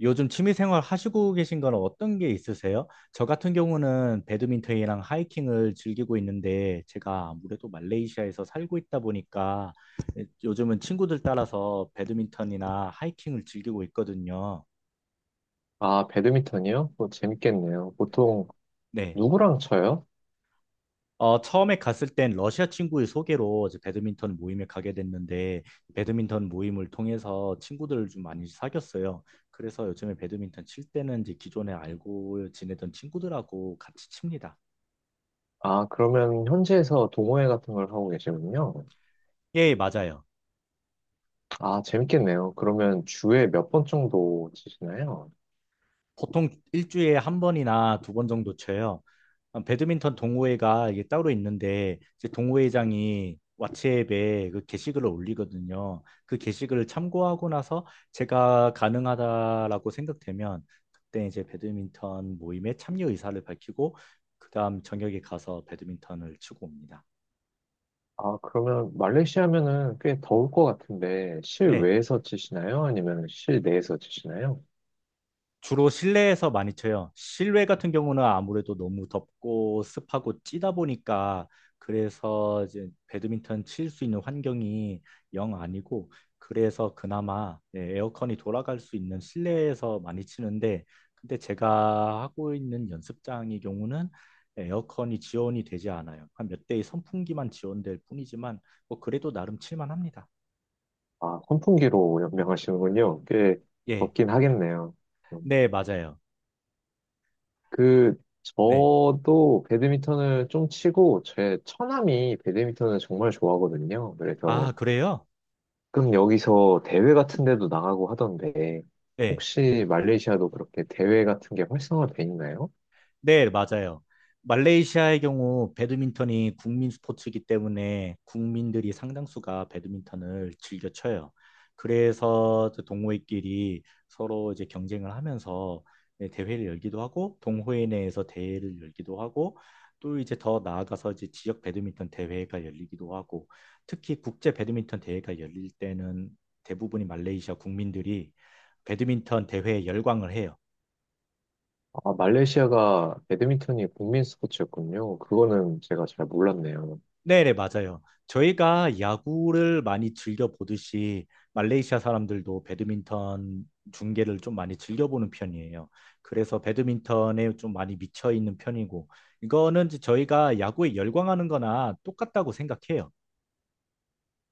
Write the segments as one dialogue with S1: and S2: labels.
S1: 요즘 취미생활 하시고 계신 건 어떤 게 있으세요? 저 같은 경우는 배드민턴이랑 하이킹을 즐기고 있는데 제가 아무래도 말레이시아에서 살고 있다 보니까 예, 요즘은 친구들 따라서 배드민턴이나 하이킹을 즐기고 있거든요.
S2: 아, 배드민턴이요? 뭐 재밌겠네요. 보통
S1: 네.
S2: 누구랑 쳐요?
S1: 처음에 갔을 땐 러시아 친구의 소개로 이제 배드민턴 모임에 가게 됐는데 배드민턴 모임을 통해서 친구들을 좀 많이 사귀었어요. 그래서 요즘에 배드민턴 칠 때는 이제 기존에 알고 지내던 친구들하고 같이 칩니다.
S2: 아, 그러면 현지에서 동호회 같은 걸 하고 계시군요.
S1: 예, 맞아요.
S2: 아, 재밌겠네요. 그러면 주에 몇 번 정도 치시나요?
S1: 보통 일주일에 한 번이나 두 번 정도 쳐요. 아, 배드민턴 동호회가 이게 따로 있는데 이제 동호회장이 왓츠앱에 그 게시글을 올리거든요. 그 게시글을 참고하고 나서 제가 가능하다라고 생각되면 그때 이제 배드민턴 모임에 참여 의사를 밝히고 그다음 저녁에 가서 배드민턴을 치고 옵니다.
S2: 아, 그러면 말레이시아면은 꽤 더울 것 같은데
S1: 네.
S2: 실외에서 치시나요? 아니면 실내에서 치시나요?
S1: 주로 실내에서 많이 쳐요. 실외 같은 경우는 아무래도 너무 덥고 습하고 찌다 보니까 그래서 이제 배드민턴 칠 수 있는 환경이 영 아니고, 그래서 그나마 예, 에어컨이 돌아갈 수 있는 실내에서 많이 치는데 근데 제가 하고 있는 연습장의 경우는 에어컨이 지원이 되지 않아요. 한 몇 대의 선풍기만 지원될 뿐이지만 뭐 그래도 나름 칠만합니다.
S2: 아, 선풍기로 연명하시는군요. 꽤
S1: 예,
S2: 덥긴 하겠네요. 음,
S1: 네 맞아요.
S2: 그
S1: 네,
S2: 저도 배드민턴을 좀 치고 제 처남이 배드민턴을 정말 좋아하거든요.
S1: 아
S2: 그래서
S1: 그래요?
S2: 그럼 여기서 대회 같은 데도 나가고 하던데,
S1: 예.
S2: 혹시 말레이시아도 그렇게 대회 같은 게 활성화돼 있나요?
S1: 네, 맞아요. 말레이시아의 경우 배드민턴이 국민 스포츠이기 때문에 국민들이 상당수가 배드민턴을 즐겨 쳐요. 그래서 그 동호회끼리 서로 이제 경쟁을 하면서 네, 대회를 열기도 하고 동호회 내에서 대회를 열기도 하고 또 이제 더 나아가서 이제 지역 배드민턴 대회가 열리기도 하고 특히 국제 배드민턴 대회가 열릴 때는 대부분이 말레이시아 국민들이 배드민턴 대회에 열광을 해요.
S2: 아, 말레이시아가 배드민턴이 국민 스포츠였군요. 그거는 제가 잘 몰랐네요.
S1: 네네, 맞아요. 저희가 야구를 많이 즐겨 보듯이 말레이시아 사람들도 배드민턴 중계를 좀 많이 즐겨 보는 편이에요. 그래서 배드민턴에 좀 많이 미쳐 있는 편이고, 이거는 이제 저희가 야구에 열광하는 거나 똑같다고 생각해요.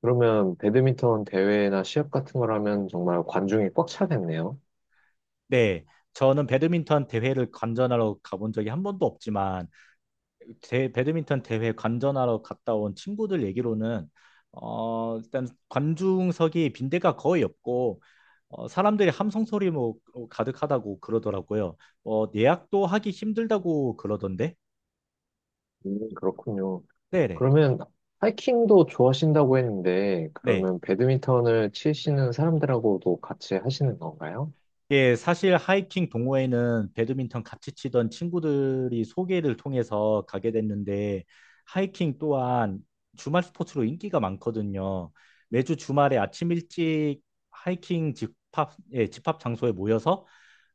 S2: 그러면 배드민턴 대회나 시합 같은 걸 하면 정말 관중이 꽉 차겠네요.
S1: 네, 저는 배드민턴 대회를 관전하러 가본 적이 한 번도 없지만, 배드민턴 대회 관전하러 갔다 온 친구들 얘기로는 일단 관중석이 빈대가 거의 없고 사람들이 함성 소리 뭐 가득하다고 그러더라고요. 예약도 하기 힘들다고 그러던데.
S2: 그렇군요.
S1: 네네. 네.
S2: 그러면 하이킹도 좋아하신다고 했는데,
S1: 네.
S2: 그러면 배드민턴을 치시는 사람들하고도 같이 하시는 건가요?
S1: 예, 사실 하이킹 동호회는 배드민턴 같이 치던 친구들이 소개를 통해서 가게 됐는데 하이킹 또한 주말 스포츠로 인기가 많거든요. 매주 주말에 아침 일찍 예, 집합 장소에 모여서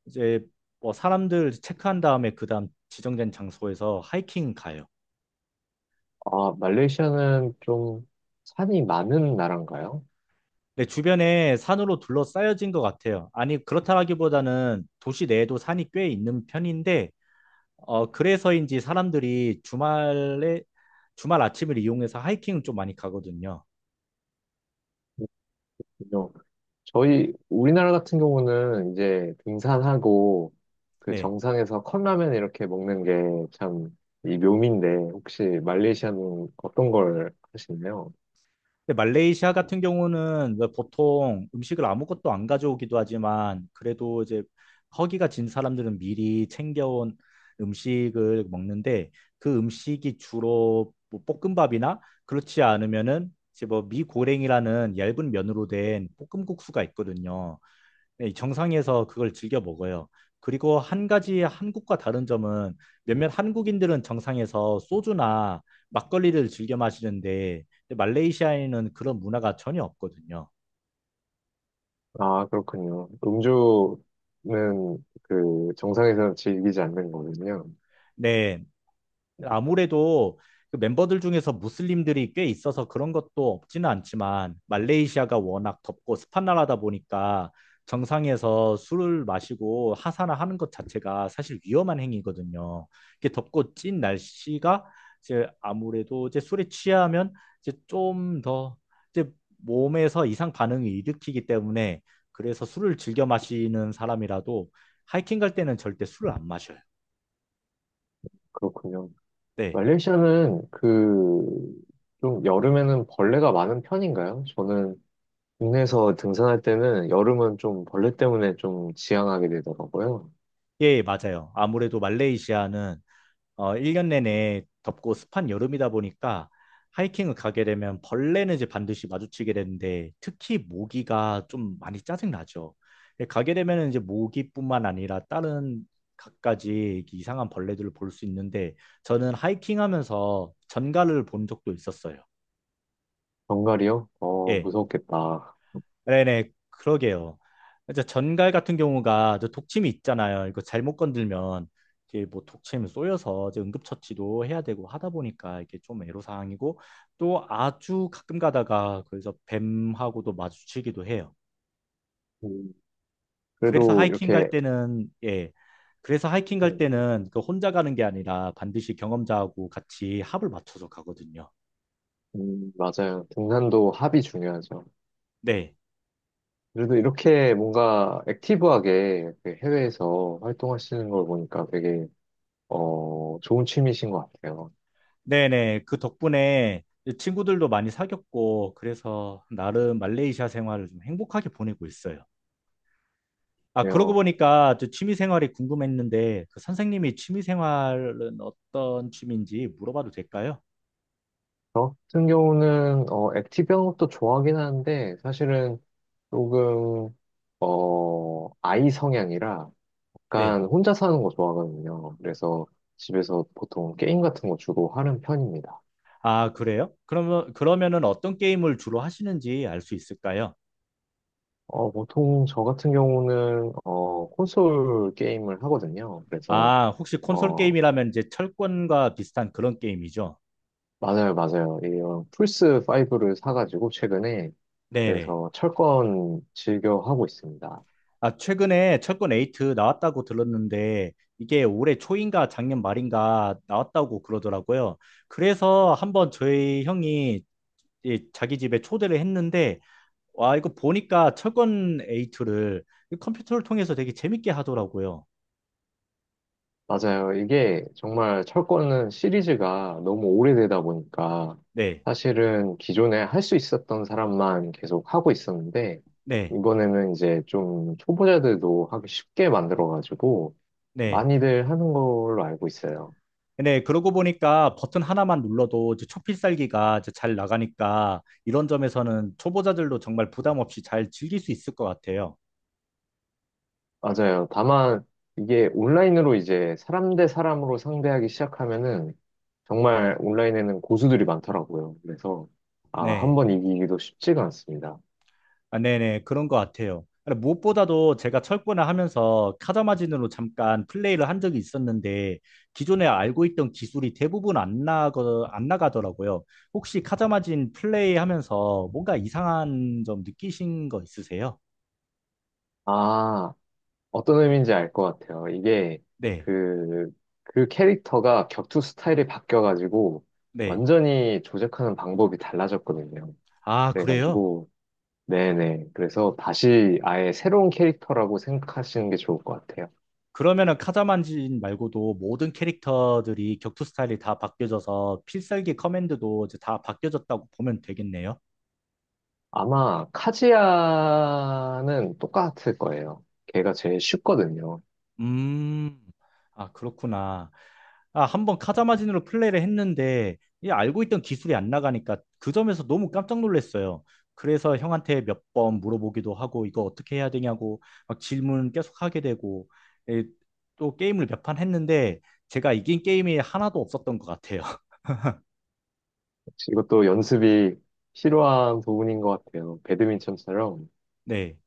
S1: 이제 뭐 사람들 체크한 다음에 그다음 지정된 장소에서 하이킹 가요.
S2: 아, 말레이시아는 좀 산이 많은 나라인가요?
S1: 네, 주변에 산으로 둘러싸여진 것 같아요. 아니, 그렇다기보다는 도시 내에도 산이 꽤 있는 편인데 그래서인지 사람들이 주말에, 주말 아침을 이용해서 하이킹을 좀 많이 가거든요.
S2: 그죠. 저희 우리나라 같은 경우는 이제 등산하고 그
S1: 네.
S2: 정상에서 컵라면 이렇게 먹는 게 참 이 묘미인데 혹시 말레이시아는 어떤 걸 하시나요?
S1: 근데 말레이시아 같은 경우는 왜 보통 음식을 아무것도 안 가져오기도 하지만 그래도 이제 허기가 진 사람들은 미리 챙겨온 음식을 먹는데 그 음식이 주로 뭐 볶음밥이나 그렇지 않으면은 이제 뭐 미고랭이라는 얇은 면으로 된 볶음국수가 있거든요. 네, 정상에서 그걸 즐겨 먹어요. 그리고 한 가지 한국과 다른 점은 몇몇 한국인들은 정상에서 소주나 막걸리를 즐겨 마시는데 말레이시아에는 그런 문화가 전혀 없거든요.
S2: 아, 그렇군요. 음주는 그 정상에서 즐기지 않는 거군요.
S1: 네, 아무래도 그 멤버들 중에서 무슬림들이 꽤 있어서 그런 것도 없지는 않지만 말레이시아가 워낙 덥고 습한 나라다 보니까 정상에서 술을 마시고 하사나 하는 것 자체가 사실 위험한 행위거든요. 이게 렇 덥고 찐 날씨가 이제 아무래도 이제 술에 취하면 이제 좀 더 이제 몸에서 이상 반응을 일으키기 때문에 그래서 술을 즐겨 마시는 사람이라도 하이킹 갈 때는 절대 술을 안 마셔요.
S2: 그렇군요.
S1: 네.
S2: 말레이시아는 그 좀 여름에는 벌레가 많은 편인가요? 저는 국내에서 등산할 때는 여름은 좀 벌레 때문에 좀 지양하게 되더라고요.
S1: 예, 맞아요. 아무래도 말레이시아는 1년 내내 덥고 습한 여름이다 보니까 하이킹을 가게 되면 벌레는 이제 반드시 마주치게 되는데 특히 모기가 좀 많이 짜증나죠. 예, 가게 되면 이제 모기뿐만 아니라 다른 갖가지 이렇게 이상한 벌레들을 볼 수 있는데 저는 하이킹하면서 전갈을 본 적도 있었어요.
S2: 정갈이요?
S1: 예.
S2: 무섭겠다.
S1: 네네, 그러게요. 이제 전갈 같은 경우가 저 독침이 있잖아요. 이거 잘못 건들면 이게 뭐 독침 쏘여서 이제 응급처치도 해야 되고 하다 보니까 이게 좀 애로사항이고 또 아주 가끔 가다가 그래서 뱀하고도 마주치기도 해요.
S2: 음,
S1: 그래서
S2: 그래도
S1: 하이킹 갈
S2: 이렇게,
S1: 때는 예, 그래서 하이킹 갈
S2: 네,
S1: 때는 그 혼자 가는 게 아니라 반드시 경험자하고 같이 합을 맞춰서 가거든요.
S2: 맞아요. 등산도 합이 중요하죠.
S1: 네.
S2: 그래도 이렇게 뭔가 액티브하게 이렇게 해외에서 활동하시는 걸 보니까 되게, 좋은 취미신 것 같아요.
S1: 네네. 그 덕분에 친구들도 많이 사귀었고, 그래서 나름 말레이시아 생활을 좀 행복하게 보내고 있어요. 아, 그러고
S2: 그래요.
S1: 보니까 저 취미 생활이 궁금했는데, 그 선생님이 취미 생활은 어떤 취미인지 물어봐도 될까요?
S2: 저 같은 경우는, 액티브한 것도 좋아하긴 하는데, 사실은 조금, 어, 아이 성향이라
S1: 네.
S2: 약간 혼자 사는 거 좋아하거든요. 그래서 집에서 보통 게임 같은 거 주로 하는 편입니다.
S1: 아, 그래요? 그러면은 어떤 게임을 주로 하시는지 알 수 있을까요?
S2: 보통 저 같은 경우는 콘솔 게임을 하거든요. 그래서
S1: 아, 혹시 콘솔
S2: 어,
S1: 게임이라면 이제 철권과 비슷한 그런 게임이죠?
S2: 맞아요, 맞아요. 이런 플스 5를 사가지고 최근에
S1: 네네.
S2: 그래서 철권 즐겨 하고 있습니다.
S1: 아, 최근에 철권 8 나왔다고 들었는데 이게 올해 초인가 작년 말인가 나왔다고 그러더라고요. 그래서 한번 저희 형이 이 자기 집에 초대를 했는데 와, 이거 보니까 철권 8를 컴퓨터를 통해서 되게 재밌게 하더라고요.
S2: 맞아요. 이게 정말 철권은 시리즈가 너무 오래되다 보니까
S1: 네.
S2: 사실은 기존에 할 수 있었던 사람만 계속 하고 있었는데
S1: 네.
S2: 이번에는 이제 좀 초보자들도 하기 쉽게 만들어가지고
S1: 네.
S2: 많이들 하는 걸로 알고 있어요.
S1: 네, 그러고 보니까 버튼 하나만 눌러도 이제 초필살기가 이제 잘 나가니까 이런 점에서는 초보자들도 정말 부담 없이 잘 즐길 수 있을 것 같아요.
S2: 맞아요. 다만 이게 온라인으로 이제 사람 대 사람으로 상대하기 시작하면은 정말 온라인에는 고수들이 많더라고요. 그래서 아, 한
S1: 네.
S2: 번 이기기도 쉽지가 않습니다.
S1: 아, 네네, 그런 것 같아요. 근데 무엇보다도 제가 철거나 하면서 타자 마진으로 잠깐 플레이를 한 적이 있었는데, 기존에 알고 있던 기술이 대부분 안 나가, 안 나가더라고요. 혹시 카자 마진 플레이 하면서 뭔가 이상한 점 느끼신 거 있으세요?
S2: 아, 어떤 의미인지 알 것 같아요.
S1: 네,
S2: 그, 그 캐릭터가 격투 스타일이 바뀌어가지고
S1: 네.
S2: 완전히 조작하는 방법이 달라졌거든요.
S1: 아, 그래요?
S2: 그래가지고, 네네. 그래서 다시 아예 새로운 캐릭터라고 생각하시는 게 좋을 것 같아요.
S1: 그러면은 카자만진 말고도 모든 캐릭터들이 격투 스타일이 다 바뀌어져서 필살기 커맨드도 이제 다 바뀌어졌다고 보면 되겠네요.
S2: 아마 카지아는 똑같을 거예요. 걔가 제일 쉽거든요.
S1: 음, 아, 그렇구나. 아, 한번 카자마진으로 플레이를 했는데 이 알고 있던 기술이 안 나가니까 그 점에서 너무 깜짝 놀랐어요. 그래서 형한테 몇 번 물어보기도 하고 이거 어떻게 해야 되냐고 막 질문 계속 하게 되고 예, 또 게임을 몇 판 했는데 제가 이긴 게임이 하나도 없었던 것 같아요.
S2: 이것도 연습이 필요한 부분인 것 같아요. 배드민턴처럼.
S1: 네.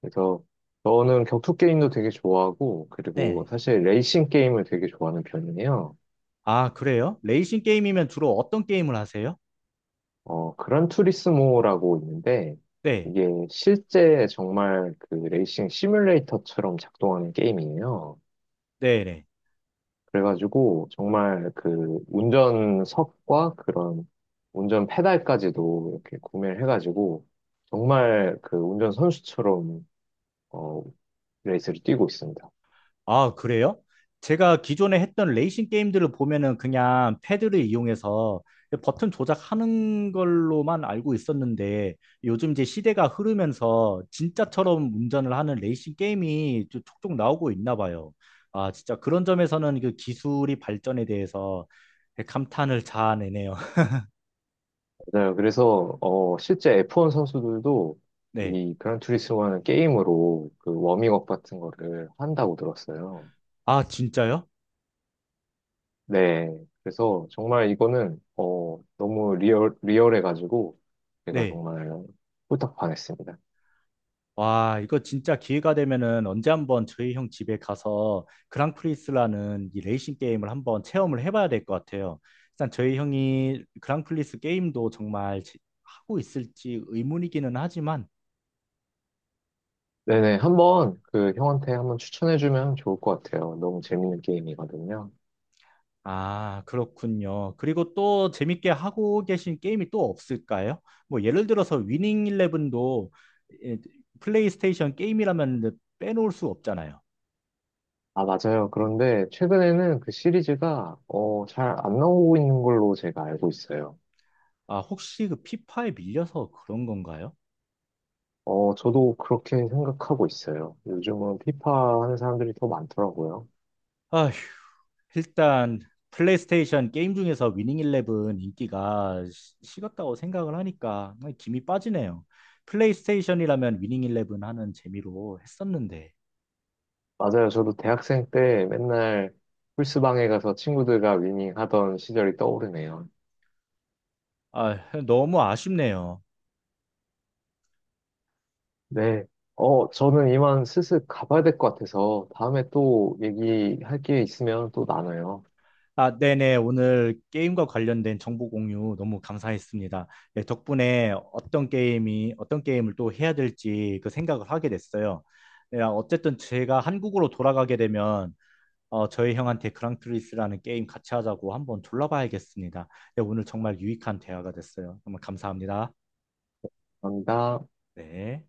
S2: 그래서 저는 격투 게임도 되게 좋아하고, 그리고
S1: 네.
S2: 사실 레이싱 게임을 되게 좋아하는 편이에요.
S1: 아, 그래요? 레이싱 게임이면 주로 어떤 게임을 하세요?
S2: 그란 투리스모라고 있는데,
S1: 네.
S2: 이게 실제 정말 그 레이싱 시뮬레이터처럼 작동하는 게임이에요.
S1: 네, 네.
S2: 그래가지고 정말 그 운전석과 그런 운전 페달까지도 이렇게 구매를 해가지고 정말 그 운전 선수처럼 어 레이스를 뛰고 있습니다.
S1: 아, 그래요? 제가 기존에 했던 레이싱 게임들을 보면은 그냥 패드를 이용해서 버튼 조작하는 걸로만 알고 있었는데 요즘 이제 시대가 흐르면서 진짜처럼 운전을 하는 레이싱 게임이 좀 촉촉 나오고 있나 봐요. 아, 진짜 그런 점에서는 그 기술이 발전에 대해서 감탄을 자아내네요.
S2: 맞아요. 그래서 실제 F1 선수들도
S1: 네.
S2: 이 그란투리스모라는 게임으로 그 워밍업 같은 거를 한다고 들었어요.
S1: 아, 진짜요?
S2: 네. 그래서 정말 이거는 너무 리얼해가지고 제가
S1: 네.
S2: 정말 홀딱 반했습니다.
S1: 와, 이거 진짜 기회가 되면은 언제 한번 저희 형 집에 가서 그랑프리스라는 이 레이싱 게임을 한번 체험을 해봐야 될 것 같아요. 일단 저희 형이 그랑프리스 게임도 정말 지- 하고 있을지 의문이기는 하지만,
S2: 네네, 한번 그 형한테 한번 추천해주면 좋을 것 같아요. 너무 재밌는 게임이거든요.
S1: 아, 그렇군요. 그리고 또 재밌게 하고 계신 게임이 또 없을까요? 뭐 예를 들어서 위닝 일레븐도 예, 플레이스테이션 게임이라면 빼놓을 수 없잖아요.
S2: 아, 맞아요. 그런데 최근에는 그 시리즈가 잘 안 나오고 있는 걸로 제가 알고 있어요.
S1: 아, 혹시 그 피파에 밀려서 그런 건가요?
S2: 저도 그렇게 생각하고 있어요. 요즘은 피파 하는 사람들이 더 많더라고요.
S1: 아휴, 일단 플레이스테이션 게임 중에서 위닝 일레븐 인기가 시- 식었다고 생각을 하니까 김이 빠지네요. 플레이스테이션이라면 위닝 일레븐 하는 재미로 했었는데
S2: 맞아요. 저도 대학생 때 맨날 풀스방에 가서 친구들과 위닝 하던 시절이 떠오르네요.
S1: 아, 너무 아쉽네요.
S2: 네. 저는 이만 슬슬 가봐야 될 것 같아서 다음에 또 얘기할 게 있으면 또 나눠요.
S1: 아, 네네. 오늘 게임과 관련된 정보 공유 너무 감사했습니다. 네, 덕분에 어떤 게임을 또 해야 될지 그 생각을 하게 됐어요. 네, 아, 어쨌든 제가 한국으로 돌아가게 되면 어, 저희 형한테 그랑프리스라는 게임 같이 하자고 한번 둘러봐야겠습니다. 네, 오늘 정말 유익한 대화가 됐어요. 정말 감사합니다.
S2: 감사합니다.
S1: 네.